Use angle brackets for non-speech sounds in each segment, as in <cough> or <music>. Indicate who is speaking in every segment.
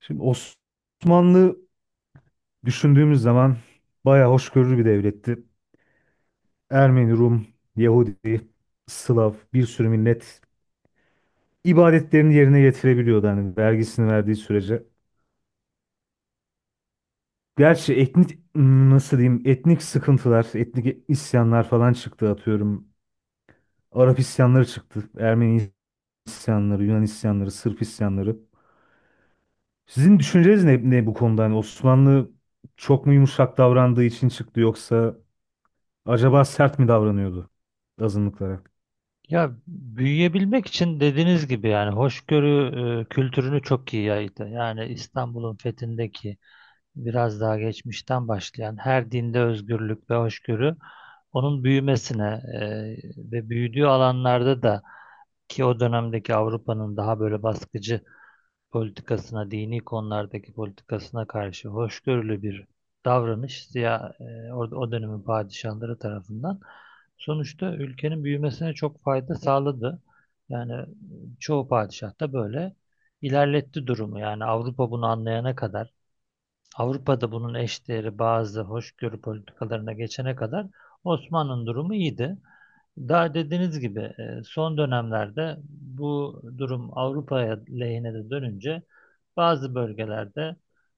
Speaker 1: Şimdi Osmanlı düşündüğümüz zaman bayağı hoşgörülü bir devletti. Ermeni, Rum, Yahudi, Slav bir sürü millet ibadetlerini yerine getirebiliyordu hani vergisini verdiği sürece. Gerçi etnik nasıl diyeyim etnik sıkıntılar, etnik isyanlar falan çıktı atıyorum. Arap isyanları çıktı, Ermeni isyanları, Yunan isyanları, Sırp isyanları. Sizin düşünceniz ne bu konuda? Hani Osmanlı çok mu yumuşak davrandığı için çıktı yoksa acaba sert mi davranıyordu azınlıklara?
Speaker 2: Ya büyüyebilmek için dediğiniz gibi yani hoşgörü kültürünü çok iyi yaydı. Yani İstanbul'un fethindeki biraz daha geçmişten başlayan her dinde özgürlük ve hoşgörü onun büyümesine e, ve büyüdüğü alanlarda da ki o dönemdeki Avrupa'nın daha böyle baskıcı politikasına, dini konulardaki politikasına karşı hoşgörülü bir davranış siya, e, or- o dönemin padişahları tarafından sonuçta ülkenin büyümesine çok fayda sağladı. Yani çoğu padişah da böyle ilerletti durumu. Yani Avrupa bunu anlayana kadar Avrupa'da bunun eşdeğeri bazı hoşgörü politikalarına geçene kadar Osmanlı'nın durumu iyiydi. Daha dediğiniz gibi son dönemlerde bu durum Avrupa'ya lehine de dönünce bazı bölgelerde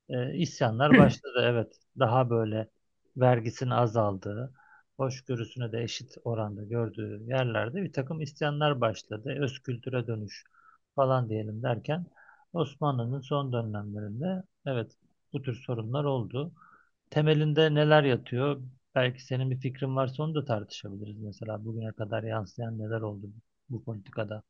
Speaker 2: isyanlar başladı. Evet, daha böyle vergisinin azaldığı, hoşgörüsünü de eşit oranda gördüğü yerlerde bir takım isyanlar başladı. Öz kültüre dönüş falan diyelim derken Osmanlı'nın son dönemlerinde evet bu tür sorunlar oldu. Temelinde neler yatıyor? Belki senin bir fikrin varsa onu da tartışabiliriz. Mesela bugüne kadar yansıyan neler oldu bu politikada?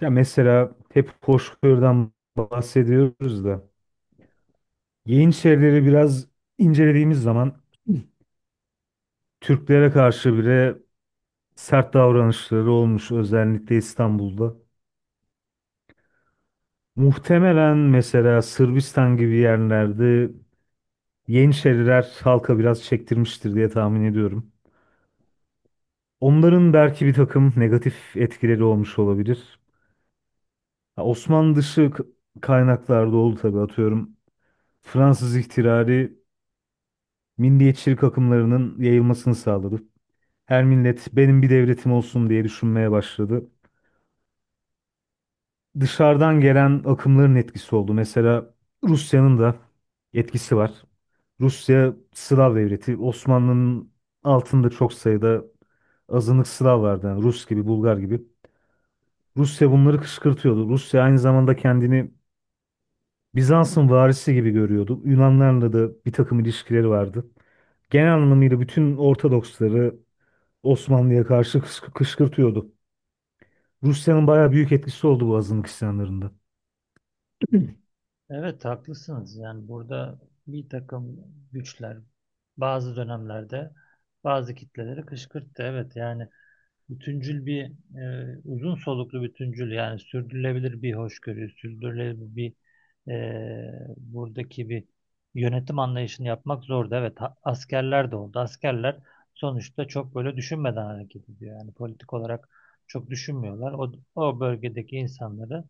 Speaker 1: Ya mesela hep hoşgörüden bahsediyoruz da Yeniçerileri biraz incelediğimiz zaman Türklere karşı bile sert davranışları olmuş, özellikle İstanbul'da. Muhtemelen mesela Sırbistan gibi yerlerde Yeniçeriler halka biraz çektirmiştir diye tahmin ediyorum. Onların belki bir takım negatif etkileri olmuş olabilir. Ha, Osmanlı dışı kaynaklarda oldu tabii atıyorum. Fransız ihtilali milliyetçilik akımlarının yayılmasını sağladı. Her millet benim bir devletim olsun diye düşünmeye başladı. Dışarıdan gelen akımların etkisi oldu. Mesela Rusya'nın da etkisi var. Rusya Slav devleti. Osmanlı'nın altında çok sayıda azınlık Slav vardı. Yani Rus gibi, Bulgar gibi. Rusya bunları kışkırtıyordu. Rusya aynı zamanda kendini Bizans'ın varisi gibi görüyordu. Yunanlarla da bir takım ilişkileri vardı, genel anlamıyla bütün Ortodoksları Osmanlı'ya karşı kışkırtıyordu. Rusya'nın bayağı büyük etkisi oldu bu azınlık isyanlarında.
Speaker 2: Evet, haklısınız. Yani burada bir takım güçler bazı dönemlerde bazı kitleleri kışkırttı. Evet yani bütüncül bir uzun soluklu bütüncül yani sürdürülebilir bir hoşgörü, sürdürülebilir bir buradaki bir yönetim anlayışını yapmak zordu. Evet, askerler de oldu. Askerler sonuçta çok böyle düşünmeden hareket ediyor. Yani politik olarak çok düşünmüyorlar. O bölgedeki insanları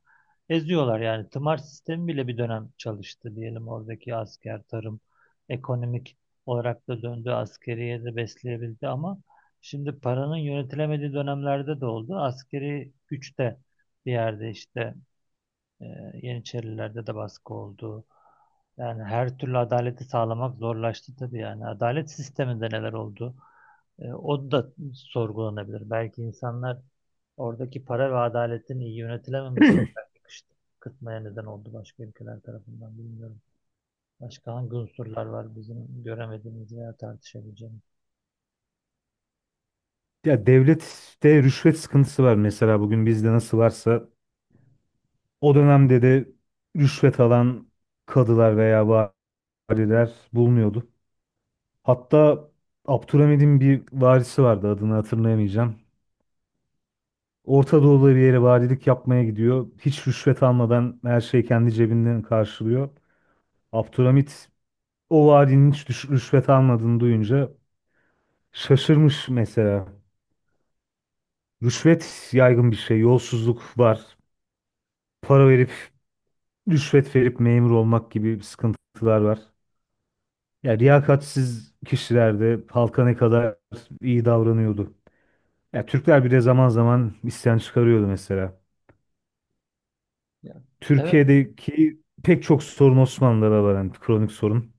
Speaker 2: eziyorlar yani. Tımar sistemi bile bir dönem çalıştı diyelim oradaki asker, tarım, ekonomik olarak da döndü, askeriye de besleyebildi ama şimdi paranın yönetilemediği dönemlerde de oldu. Askeri güçte bir yerde işte e, Yeniçerilerde de baskı oldu. Yani her türlü adaleti sağlamak zorlaştı tabii yani. Adalet sisteminde neler oldu? O da sorgulanabilir. Belki insanlar oradaki para ve adaletin iyi yönetilememesi belki kıtmaya neden oldu başka ülkeler tarafından, bilmiyorum. Başka hangi unsurlar var bizim göremediğimiz veya tartışabileceğimiz?
Speaker 1: Ya devlette rüşvet sıkıntısı var, mesela bugün bizde nasıl varsa o dönemde de rüşvet alan kadılar veya valiler bulunuyordu. Hatta Abdülhamid'in bir varisi vardı, adını hatırlayamayacağım. Orta Doğu'da bir yere valilik yapmaya gidiyor. Hiç rüşvet almadan her şeyi kendi cebinden karşılıyor. Abdülhamid o valinin hiç rüşvet almadığını duyunca şaşırmış mesela. Rüşvet yaygın bir şey. Yolsuzluk var. Para verip, rüşvet verip memur olmak gibi sıkıntılar var. Ya riyakatsiz kişiler de halka ne kadar iyi davranıyordu. Ya Türkler bile zaman zaman isyan çıkarıyordu mesela.
Speaker 2: Ya. Evet.
Speaker 1: Türkiye'deki pek çok sorun Osmanlı'da var, yani kronik sorun.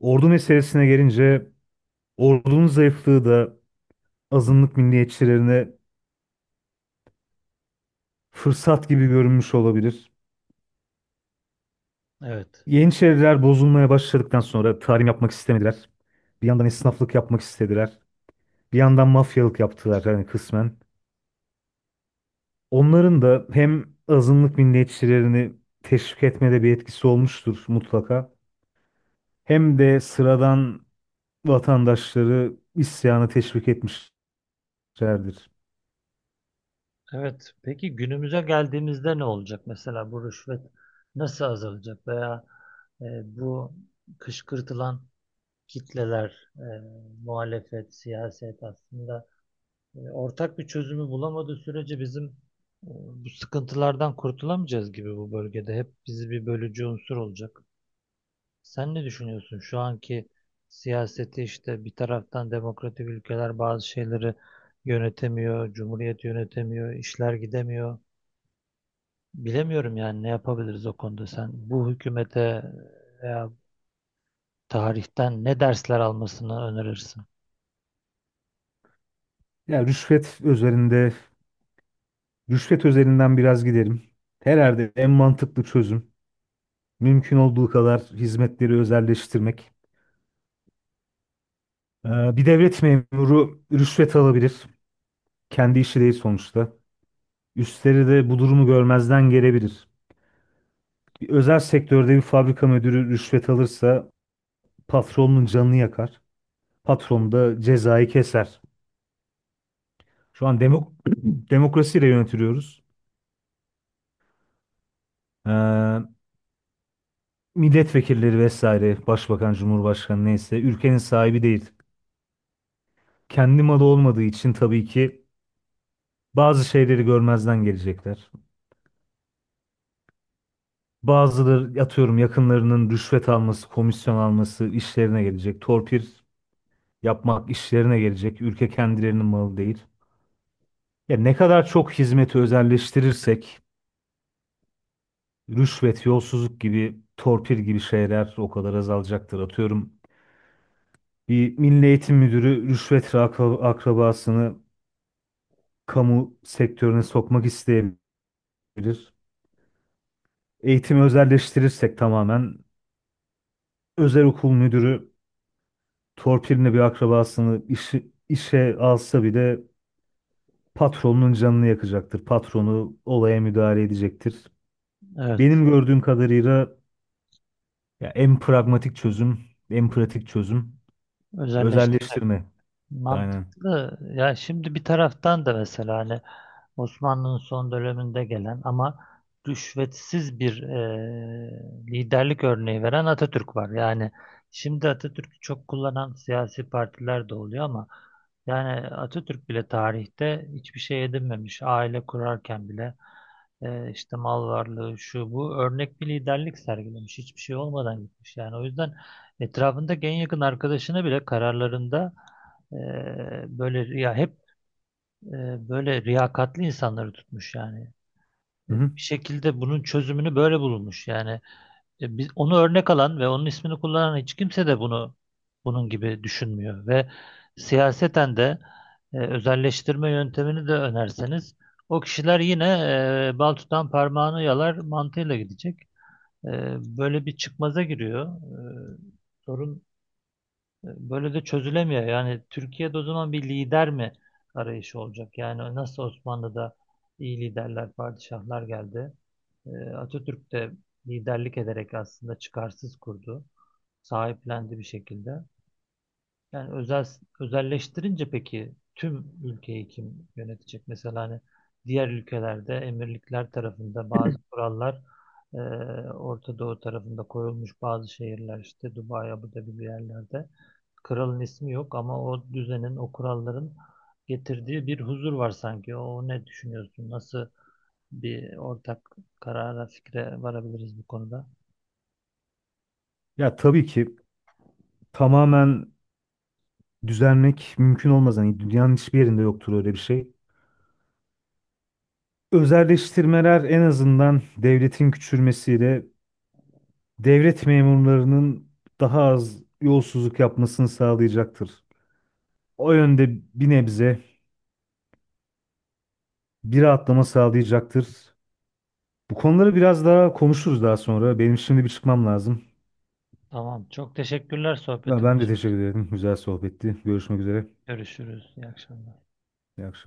Speaker 1: Ordu meselesine gelince ordunun zayıflığı da azınlık milliyetçilerine fırsat gibi görünmüş olabilir.
Speaker 2: Evet.
Speaker 1: Yeniçeriler bozulmaya başladıktan sonra tarım yapmak istemediler. Bir yandan esnaflık yapmak istediler. Bir yandan mafyalık yaptılar, yani kısmen. Onların da hem azınlık milliyetçilerini teşvik etmede bir etkisi olmuştur mutlaka. Hem de sıradan vatandaşları isyana teşvik etmişlerdir.
Speaker 2: Evet. Peki günümüze geldiğimizde ne olacak? Mesela bu rüşvet nasıl azalacak veya e, bu kışkırtılan kitleler, muhalefet, siyaset aslında ortak bir çözümü bulamadığı sürece bizim bu sıkıntılardan kurtulamayacağız gibi bu bölgede. Hep bizi bir bölücü unsur olacak. Sen ne düşünüyorsun? Şu anki siyaseti işte bir taraftan demokratik ülkeler bazı şeyleri yönetemiyor, cumhuriyet yönetemiyor, işler gidemiyor. Bilemiyorum yani ne yapabiliriz o konuda. Sen bu hükümete veya tarihten ne dersler almasını önerirsin?
Speaker 1: Ya rüşvet üzerinde, rüşvet özelinden biraz gidelim. Herhalde en mantıklı çözüm mümkün olduğu kadar hizmetleri özelleştirmek. Bir devlet memuru rüşvet alabilir. Kendi işi değil sonuçta. Üstleri de bu durumu görmezden gelebilir. Bir özel sektörde bir fabrika müdürü rüşvet alırsa patronun canını yakar. Patron da cezayı keser. Şu an <clears throat> demokrasiyle yönetiliyoruz. Ee, Milletvekilleri vesaire, başbakan, cumhurbaşkanı neyse ülkenin sahibi değil. Kendi malı olmadığı için tabii ki bazı şeyleri görmezden gelecekler. Bazıları atıyorum yakınlarının rüşvet alması, komisyon alması işlerine gelecek. Torpil yapmak işlerine gelecek. Ülke kendilerinin malı değil. Ya ne kadar çok hizmeti özelleştirirsek rüşvet, yolsuzluk gibi, torpil gibi şeyler o kadar azalacaktır. Atıyorum bir Milli Eğitim Müdürü rüşvet akrabasını kamu sektörüne sokmak isteyebilir. Eğitimi özelleştirirsek tamamen özel okul müdürü torpiline bir akrabasını işe alsa bile patronun canını yakacaktır. Patronu olaya müdahale edecektir.
Speaker 2: Evet,
Speaker 1: Benim gördüğüm kadarıyla ya en pragmatik çözüm, en pratik çözüm
Speaker 2: özelleştirme.
Speaker 1: özelleştirme. Aynen.
Speaker 2: Mantıklı. Ya şimdi bir taraftan da mesela hani Osmanlı'nın son döneminde gelen ama rüşvetsiz bir liderlik örneği veren Atatürk var. Yani şimdi Atatürk'ü çok kullanan siyasi partiler de oluyor ama yani Atatürk bile tarihte hiçbir şey edinmemiş. Aile kurarken bile işte mal varlığı şu bu, örnek bir liderlik sergilemiş. Hiçbir şey olmadan gitmiş. Yani o yüzden etrafındaki en yakın arkadaşına bile kararlarında e, böyle ya hep böyle riyakatli insanları tutmuş yani.
Speaker 1: Hı-hı.
Speaker 2: Bir şekilde bunun çözümünü böyle bulunmuş yani. Biz onu örnek alan ve onun ismini kullanan hiç kimse de bunun gibi düşünmüyor ve siyaseten de özelleştirme yöntemini de önerseniz o kişiler yine bal tutan parmağını yalar mantığıyla gidecek. E, Böyle bir çıkmaza giriyor. E, sorun Böyle de çözülemiyor. Yani Türkiye'de o zaman bir lider mi arayışı olacak? Yani nasıl Osmanlı'da iyi liderler, padişahlar geldi. Atatürk de liderlik ederek aslında çıkarsız kurdu. Sahiplendi bir şekilde. Yani özelleştirince peki tüm ülkeyi kim yönetecek? Mesela hani diğer ülkelerde emirlikler tarafında bazı kurallar e, Orta Doğu tarafında koyulmuş bazı şehirler işte Dubai, Abu Dhabi bir yerlerde. Kralın ismi yok ama o düzenin, o kuralların getirdiği bir huzur var sanki. O ne düşünüyorsun? Nasıl bir ortak karara, fikre varabiliriz bu konuda?
Speaker 1: Ya tabii ki tamamen düzelmek mümkün olmaz. Hani dünyanın hiçbir yerinde yoktur öyle bir şey. Özelleştirmeler en azından devletin küçülmesiyle devlet memurlarının daha az yolsuzluk yapmasını sağlayacaktır. O yönde bir nebze bir rahatlama sağlayacaktır. Bu konuları biraz daha konuşuruz daha sonra. Benim şimdi bir çıkmam lazım.
Speaker 2: Tamam. Çok teşekkürler sohbetin
Speaker 1: Ben de
Speaker 2: için.
Speaker 1: teşekkür ederim. Güzel sohbetti. Görüşmek üzere.
Speaker 2: Görüşürüz. İyi akşamlar.
Speaker 1: İyi akşamlar.